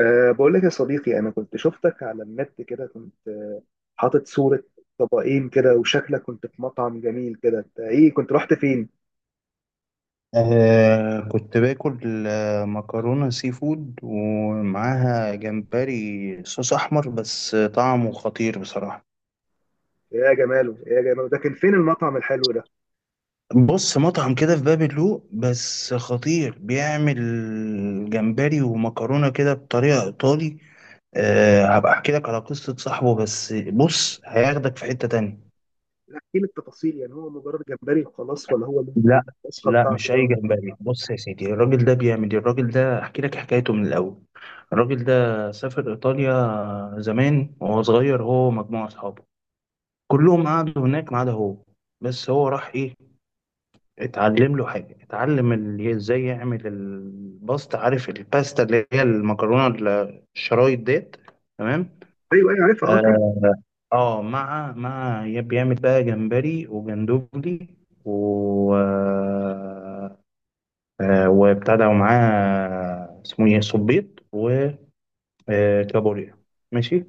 بقول لك يا صديقي، أنا كنت شفتك على النت كده، كنت حاطط صورة طبقين كده وشكلك كنت في مطعم جميل كده. أنت إيه، كنت رحت فين؟ كنت باكل مكرونة سي فود ومعاها جمبري صوص أحمر، بس طعمه خطير بصراحة. يا جماله يا جماله، ده كان فين المطعم الحلو ده؟ بص، مطعم كده في باب اللوق، بس خطير. بيعمل جمبري ومكرونة كده بطريقة إيطالي. آه، هبقى أحكي لك على قصة صاحبه، بس بص هياخدك في حتة تانية. احكي لي التفاصيل، يعني هو مجرد جمبري وخلاص ولا هو ليه لا الوصفة لا، بتاعته مش اي جامدة يعني؟ جمبري. بص يا سيدي، الراجل ده بيعمل إيه؟ الراجل ده احكي لك حكايته من الاول. الراجل ده سافر ايطاليا زمان وهو صغير، هو ومجموعه اصحابه. كلهم قعدوا هناك ما عدا هو. بس هو راح ايه، اتعلم له حاجه، اتعلم ازاي يعمل الباستا. عارف الباستا اللي هي المكرونه الشرايط ديت، تمام. أيوه أيوه عارفها. أه كان اه، مع بيعمل بقى جمبري وجندوبلي، و وابتدى معاه اسمه ايه، صبيط وكابوريا، ماشي.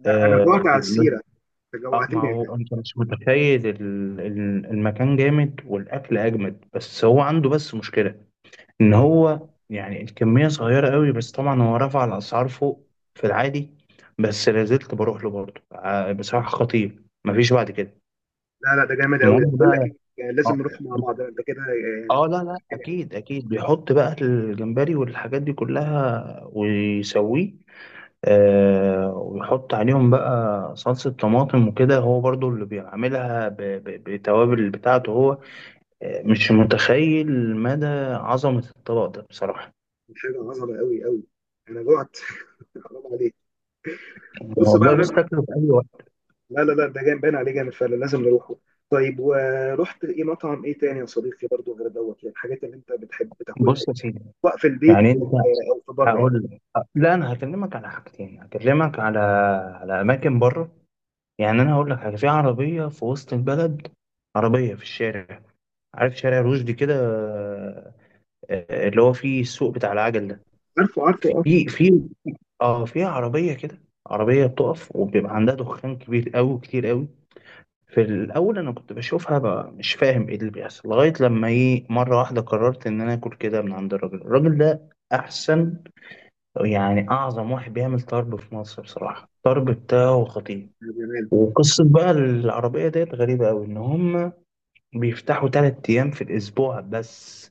أنا آه، جوعت على بيعمل- السيرة، أنت ما جوعتني يا هو جماعة. انت مش متخيل المكان جامد والاكل اجمد، بس هو عنده بس مشكله ان هو يعني الكميه صغيره قوي. بس طبعا هو رفع الاسعار فوق في العادي، بس لازلت بروح له برضه. بصراحه خطير، مفيش بعد كده. لا لا، ده جامد قوي. المهم ده، بقول لك بقى، إيه، يعني لازم آه، نروح مع بعض أنت كده، اه لا لا، يعني اكيد اكيد بيحط بقى الجمبري والحاجات دي كلها ويسويه. آه، ويحط عليهم بقى صلصة طماطم وكده، هو برضو اللي بيعملها بالتوابل بتاعته هو. آه، مش متخيل مدى عظمة الطبق ده بصراحة. حاجة عظمة قوي قوي. أنا جوعت. حرام عليك. بص والله بص، بقى. تاكله في اي وقت. لا لا لا، ده جامد باين عليه جامد فعلا، لازم نروحه. طيب، ورحت ايه، مطعم ايه تاني يا صديقي برضو غير دوت، يعني الحاجات اللي انت بتحب تاكلها، بص يا سيدي، سواء في البيت يعني او انت، او في بره يعني. هقول لك، لا انا هكلمك على حاجتين، هكلمك على على اماكن بره. يعني انا هقول لك حاجه، في عربيه في وسط البلد، عربيه في الشارع. عارف شارع رشدي كده؟ آه، اللي هو فيه السوق بتاع العجل ده. عارفه عارفه اه. في اه، في عربيه كده، عربيه بتقف وبيبقى عندها دخان كبير قوي، كتير قوي. في الاول انا كنت بشوفها بقى مش فاهم ايه اللي بيحصل، لغايه لما ايه مره واحده قررت ان انا اكل كده من عند الراجل. الراجل ده احسن يعني، اعظم واحد بيعمل طرب في مصر. بصراحه الطرب بتاعه خطير. يا جمال. وقصة بقى العربية ديت غريبة أوي، إن هما بيفتحوا تلات أيام في الأسبوع بس،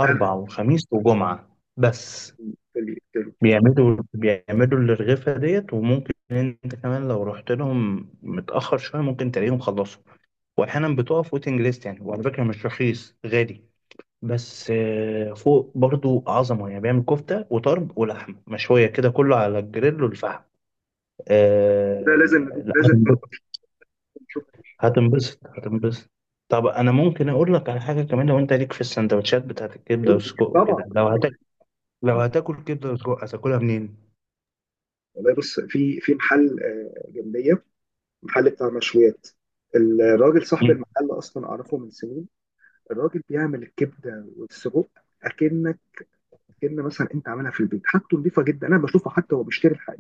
ده ال- وخميس وجمعة بس. في ال- في ال- بيعملوا بيعملوا الرغيفة ديت، وممكن أنت كمان لو رحت لهم متأخر شوية ممكن تلاقيهم خلصوا. وأحيانا بتقف ويتنج ليست يعني، وعلى فكرة مش رخيص، غالي، بس فوق برضو عظمة. يعني بيعمل كفتة وطرب ولحمة مشوية كده، كله على الجريل والفحم. ده لازم آه، لا. لازم نروح نشوف. هتنبسط هتنبسط. طب انا ممكن اقول لك على حاجه كمان، لو انت ليك في السندوتشات بتاعت الكبده قول لي، والسجق وكده، طبعا. لو هتاكل، لو هتاكل كبده وسجق هتاكلها منين؟ والله بص في محل جنبيه، محل بتاع مشويات. الراجل صاحب مم. المحل اصلا اعرفه من سنين. الراجل بيعمل الكبده والسجق، اكنك كلمه مثلا انت عاملها في البيت، حاجته نظيفه جدا. انا بشوفه حتى هو بيشتري الحاجه.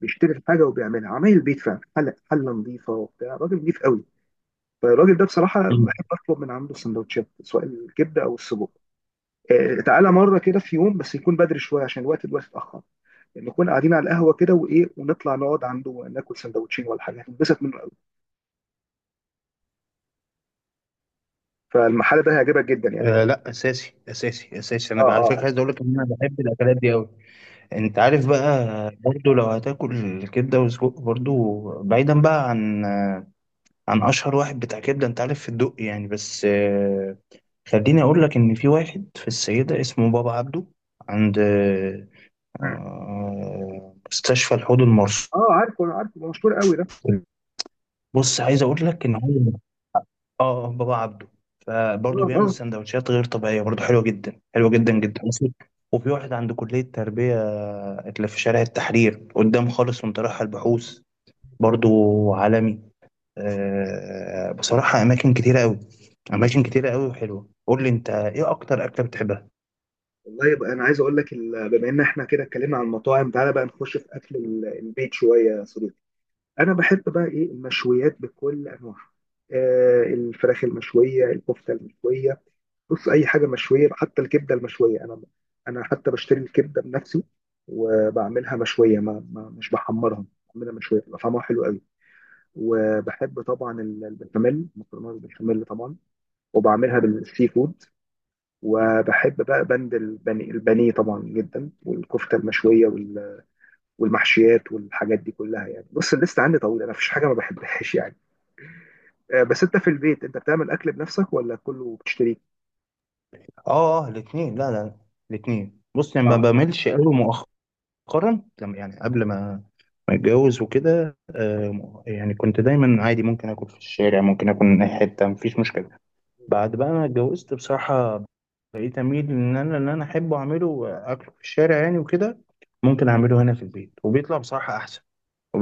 بيشتري الحاجه وبيعملها عمايل البيت فعلا، حله حله نظيفه، وبتاع راجل نظيف قوي. فالراجل ده بصراحه مم. بحب اطلب من عنده سندوتشات سواء الكبده او السجق. تعالى مره كده في يوم، بس يكون بدري شويه عشان الوقت دلوقتي اتاخر، يعني نكون قاعدين على القهوه كده وايه ونطلع نقعد عنده ناكل سندوتشين ولا حاجه، هتنبسط منه قوي. فالمحل ده هيعجبك جدا يعني. آه لا، اساسي اساسي اساسي. اه، انا بقى- على اه، فكره اه. عايز اقول لك ان انا بحب الاكلات دي قوي. انت عارف بقى، برضو لو هتاكل كبده وسجق، برضو بعيدا بقى عن عن اشهر واحد بتاع كبده انت عارف في الدق يعني، بس خليني اقول لك ان في واحد في السيده اسمه بابا عبده، عند مم. مستشفى الحوض المرصودي. آه، عارفه عارفه، مشهور قوي ده. بص عايز اقول لك ان هو، اه بابا عبده، فبرضه اه، اه. بيعمل سندوتشات غير طبيعيه، برضه حلوه جدا، حلوه جدا جدا. وفي واحد عند كليه التربيه اللي في شارع التحرير قدام خالص وانت رايح البحوث، برضه عالمي. آه، بصراحه اماكن كتيره قوي، اماكن كتيره قوي وحلوه. قول لي انت ايه اكتر اكله بتحبها. والله يبقى انا عايز اقول لك، بما ان احنا كده اتكلمنا عن المطاعم، تعالى بقى نخش في اكل البيت شويه يا صديقي. انا بحب بقى ايه، المشويات بكل انواعها. الفراخ المشويه، الكفته المشويه. بص اي حاجه مشويه، حتى الكبده المشويه. انا حتى بشتري الكبده بنفسي وبعملها مشويه، ما مش بحمرها. بعملها مشويه بتبقى طعمها حلو قوي. وبحب طبعا البشاميل، مكرونه بالبشاميل طبعا، وبعملها بالسي فود. وبحب بقى بند البني البانيه طبعا جدا، والكفته المشويه والمحشيات والحاجات دي كلها يعني. بص الليست عندي طويله، انا مفيش حاجه ما بحبهاش يعني. بس انت في البيت، انت بتعمل اكل بنفسك ولا كله بتشتريه؟ اه اه. الاثنين، لا لا، الاثنين. بص يعني، ما اه. بملش قوي. مؤخرا لما- يعني قبل ما اتجوز وكده، آه، يعني كنت دايما عادي، ممكن اكل في الشارع، ممكن اكل من اي حته، مفيش مشكله. بعد بقى ما اتجوزت بصراحه، بقيت اميل ان انا احب اعمله، اكله في الشارع يعني وكده، ممكن اعمله هنا في البيت وبيطلع بصراحه احسن.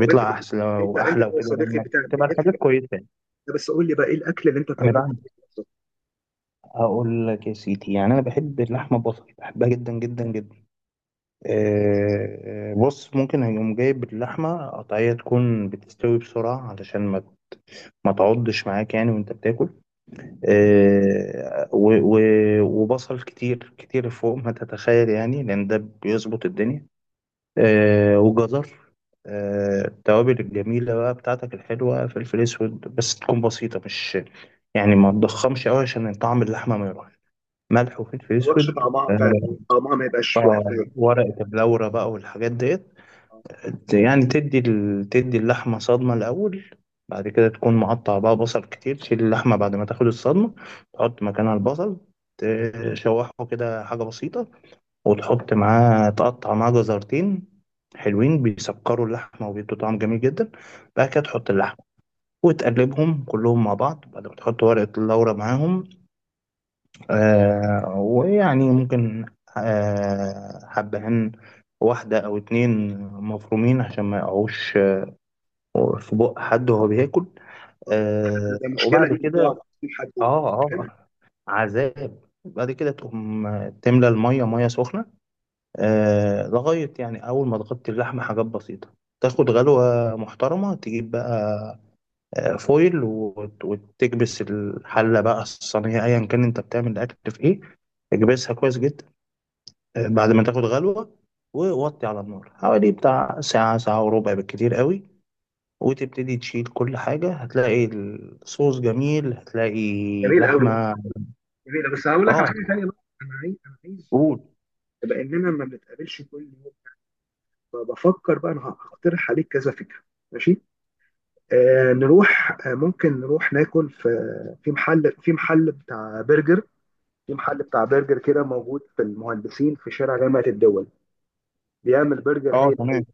طب انت احسن انت انت واحلى يا وكده، صديقي، لانك بتعمل بتبقى انت. الحاجات كويسه يعني. بس قول لي بقى، ايه الاكل اللي انت انا بتعمله في بعمل، البيت بنفسك؟ هقول لك يا سيدي، يعني انا بحب اللحمه البصل، بحبها جدا جدا جدا. آه، بص ممكن هيقوم جايب اللحمة قطعية، تكون بتستوي بسرعة علشان ما تعضش معاك يعني وانت بتاكل. آه، وبصل كتير كتير فوق ما تتخيل يعني، لأن ده بيظبط الدنيا. آه، وجزر. آه، التوابل الجميلة بقى بتاعتك الحلوة، فلفل أسود بس، تكون بسيطة مش، يعني ما تضخمش أوي عشان طعم اللحمة ما يروحش. ملح ما وفلفل تقولش، أسود، طعمها آه، فعلا طعمها ما يبقاش واحد. آه، ورقة اللورة بقى والحاجات ديت. يعني تدي ال، تدي اللحمة صدمة الأول، بعد كده تكون مقطع بقى بصل كتير، تشيل اللحمة بعد ما تاخد الصدمة، تحط مكانها البصل، تشوحه كده حاجة بسيطة، وتحط معاه، تقطع معاه جزرتين حلوين، بيسكروا اللحمة وبيدوا طعم جميل جدا. بعد كده تحط اللحمة وتقلبهم كلهم مع بعض، بعد ما تحط ورقة اللورة معاهم. آه، ويعني ممكن آه حبهان، واحدة أو اتنين مفرومين، عشان ما يقعوش في بق حد وهو بياكل. ده آه، ده مشكله وبعد دي بتقع كده، في حد. اه حلو. اه، عذاب. بعد كده تقوم تملى المية، مية سخنة، آه لغاية يعني أول ما تغطي اللحمة، حاجات بسيطة، تاخد غلوة محترمة. تجيب بقى آه، فويل، وتكبس الحلة بقى، الصينية، أيا كان أنت بتعمل الأكل في إيه، اكبسها كويس جدا. آه، بعد ما تاخد غلوة، ووطي على النار حوالي بتاع ساعة، ساعة وربع بالكتير قوي، وتبتدي تشيل. كل حاجة هتلاقي الصوص جميل، هتلاقي جميل قوي. اللحمة. جميله، بس هقول لك على اه، حاجه ثانيه بقى. انا عايز، قول. لاننا ما بنتقابلش كل يوم، فبفكر بقى انا هقترح عليك كذا فكره. ماشي. آه نروح آه ممكن نروح ناكل في في محل في محل بتاع برجر في محل بتاع برجر كده موجود في المهندسين، في شارع جامعه الدول، بيعمل برجر اه هايل تمام. أوي.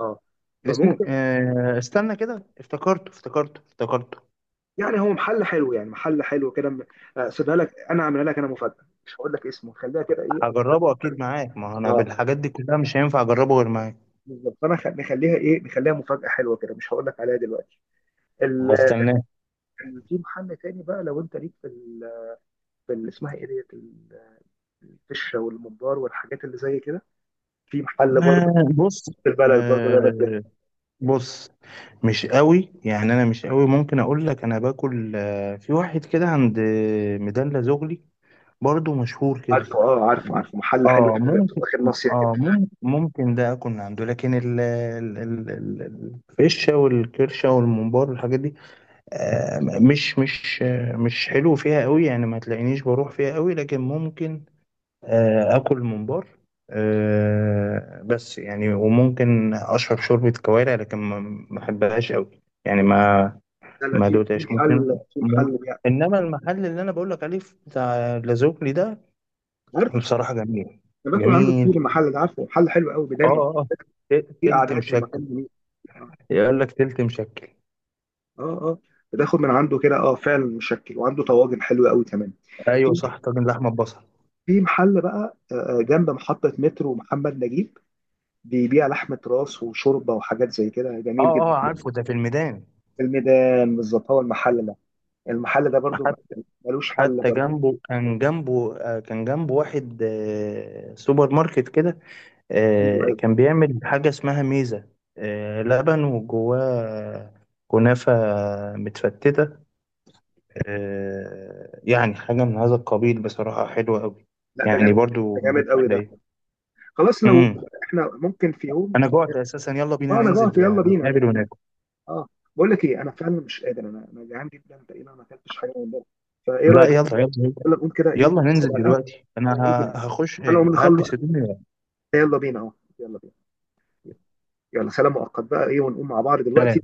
اه، اسمه فممكن، آه، استنى كده، افتكرته افتكرته افتكرته. يعني هو محل حلو، يعني محل حلو كده. سيبها لك، انا عاملها لك، انا مفاجاه، مش هقول لك اسمه، خليها كده ايه أصدق. هجربه اكيد معاك، ما هو انا اه، بالحاجات دي كلها مش هينفع اجربه غير معاك. بالظبط، فانا نخليها مفاجاه حلوه كده، مش هقول لك عليها دلوقتي. هستناه. في محل تاني بقى، لو انت ليك في اسمها ايه ديت الفشه والممبار والحاجات اللي زي كده، في محل برضه آه بص، في البلد برضه، ده بجد. آه بص، مش قوي يعني، انا مش قوي. ممكن اقول لك انا باكل آه في واحد كده عند ميدان لازوغلي، برضه مشهور كده. عارفه، اه، عارفه عارفه، محل حلو اه كده بتبقى ممكن. داخل ناصيه كده. اه ممكن ممكن ده اكون عنده، لكن الفشه والكرشه والممبار والحاجات دي، آه مش حلو فيها قوي يعني، ما تلاقينيش بروح فيها قوي، لكن ممكن آه اكل ممبار، آه بس يعني. وممكن اشرب شوربه كوارع، لكن ما بحبهاش قوي، يعني ما، لا لا، ما في في دوتهاش. ممكن، محل في ممكن-. محل يعني. انما المحل اللي انا بقول لك عليه بتاع لازوكلي ده عارف، بصراحه جميل. انا باكل عنده كتير، جميل. المحل ده عارفه، محل حلو قوي اه. دايما. اه. في تلت قعدات، في مشكل. المكان جميل. اه، يقول لك تلت مشكل. اه. آه. بتاخد من عنده كده اه، فعلا مشكل، وعنده طواجن حلوه قوي كمان. ايوه في صح، طاجن لحمه ببصل. في محل بقى جنب محطه مترو محمد نجيب، بيبيع لحمة راس وشوربة وحاجات زي كده، جميل اه جدا. اه، عارفه، ده في الميدان. الميدان بالظبط هو المحل ده، المحل ده برضو حتى، ملوش حل حتى برضو. جنبه، كان جنبه كان جنبه واحد سوبر ماركت كده، ايوه، آه، ايوه. كان بيعمل حاجه اسمها ميزه. آه، لبن وجواه كنافه متفتته، آه، يعني حاجه من هذا القبيل، بصراحه حلوه قوي لا، ده يعني، جامد. برضو ده من جامد قوي ده. التحليه. خلاص لو امم. احنا ممكن في يوم. انا جوعت اساسا، يلا بينا اه، انا جوعت، ننزل، يلا بينا نتقابل يعني. وناكل. اه. بقول لك ايه، انا فعلا مش قادر، انا جعان جدا، تقريبا ما اكلتش حاجه من بره، فايه لا رايك؟ يلا يلا يلا. يلا نقوم كده، ايه يلا نحسب ننزل على القهوه. دلوقتي، انا انا ننزل، ه- هخش انا ومن خلص، هلبس هدومي. يلا بينا اهو. يلا بينا. يلا، سلام مؤقت بقى ايه، ونقوم مع بعض لا دلوقتي. لا.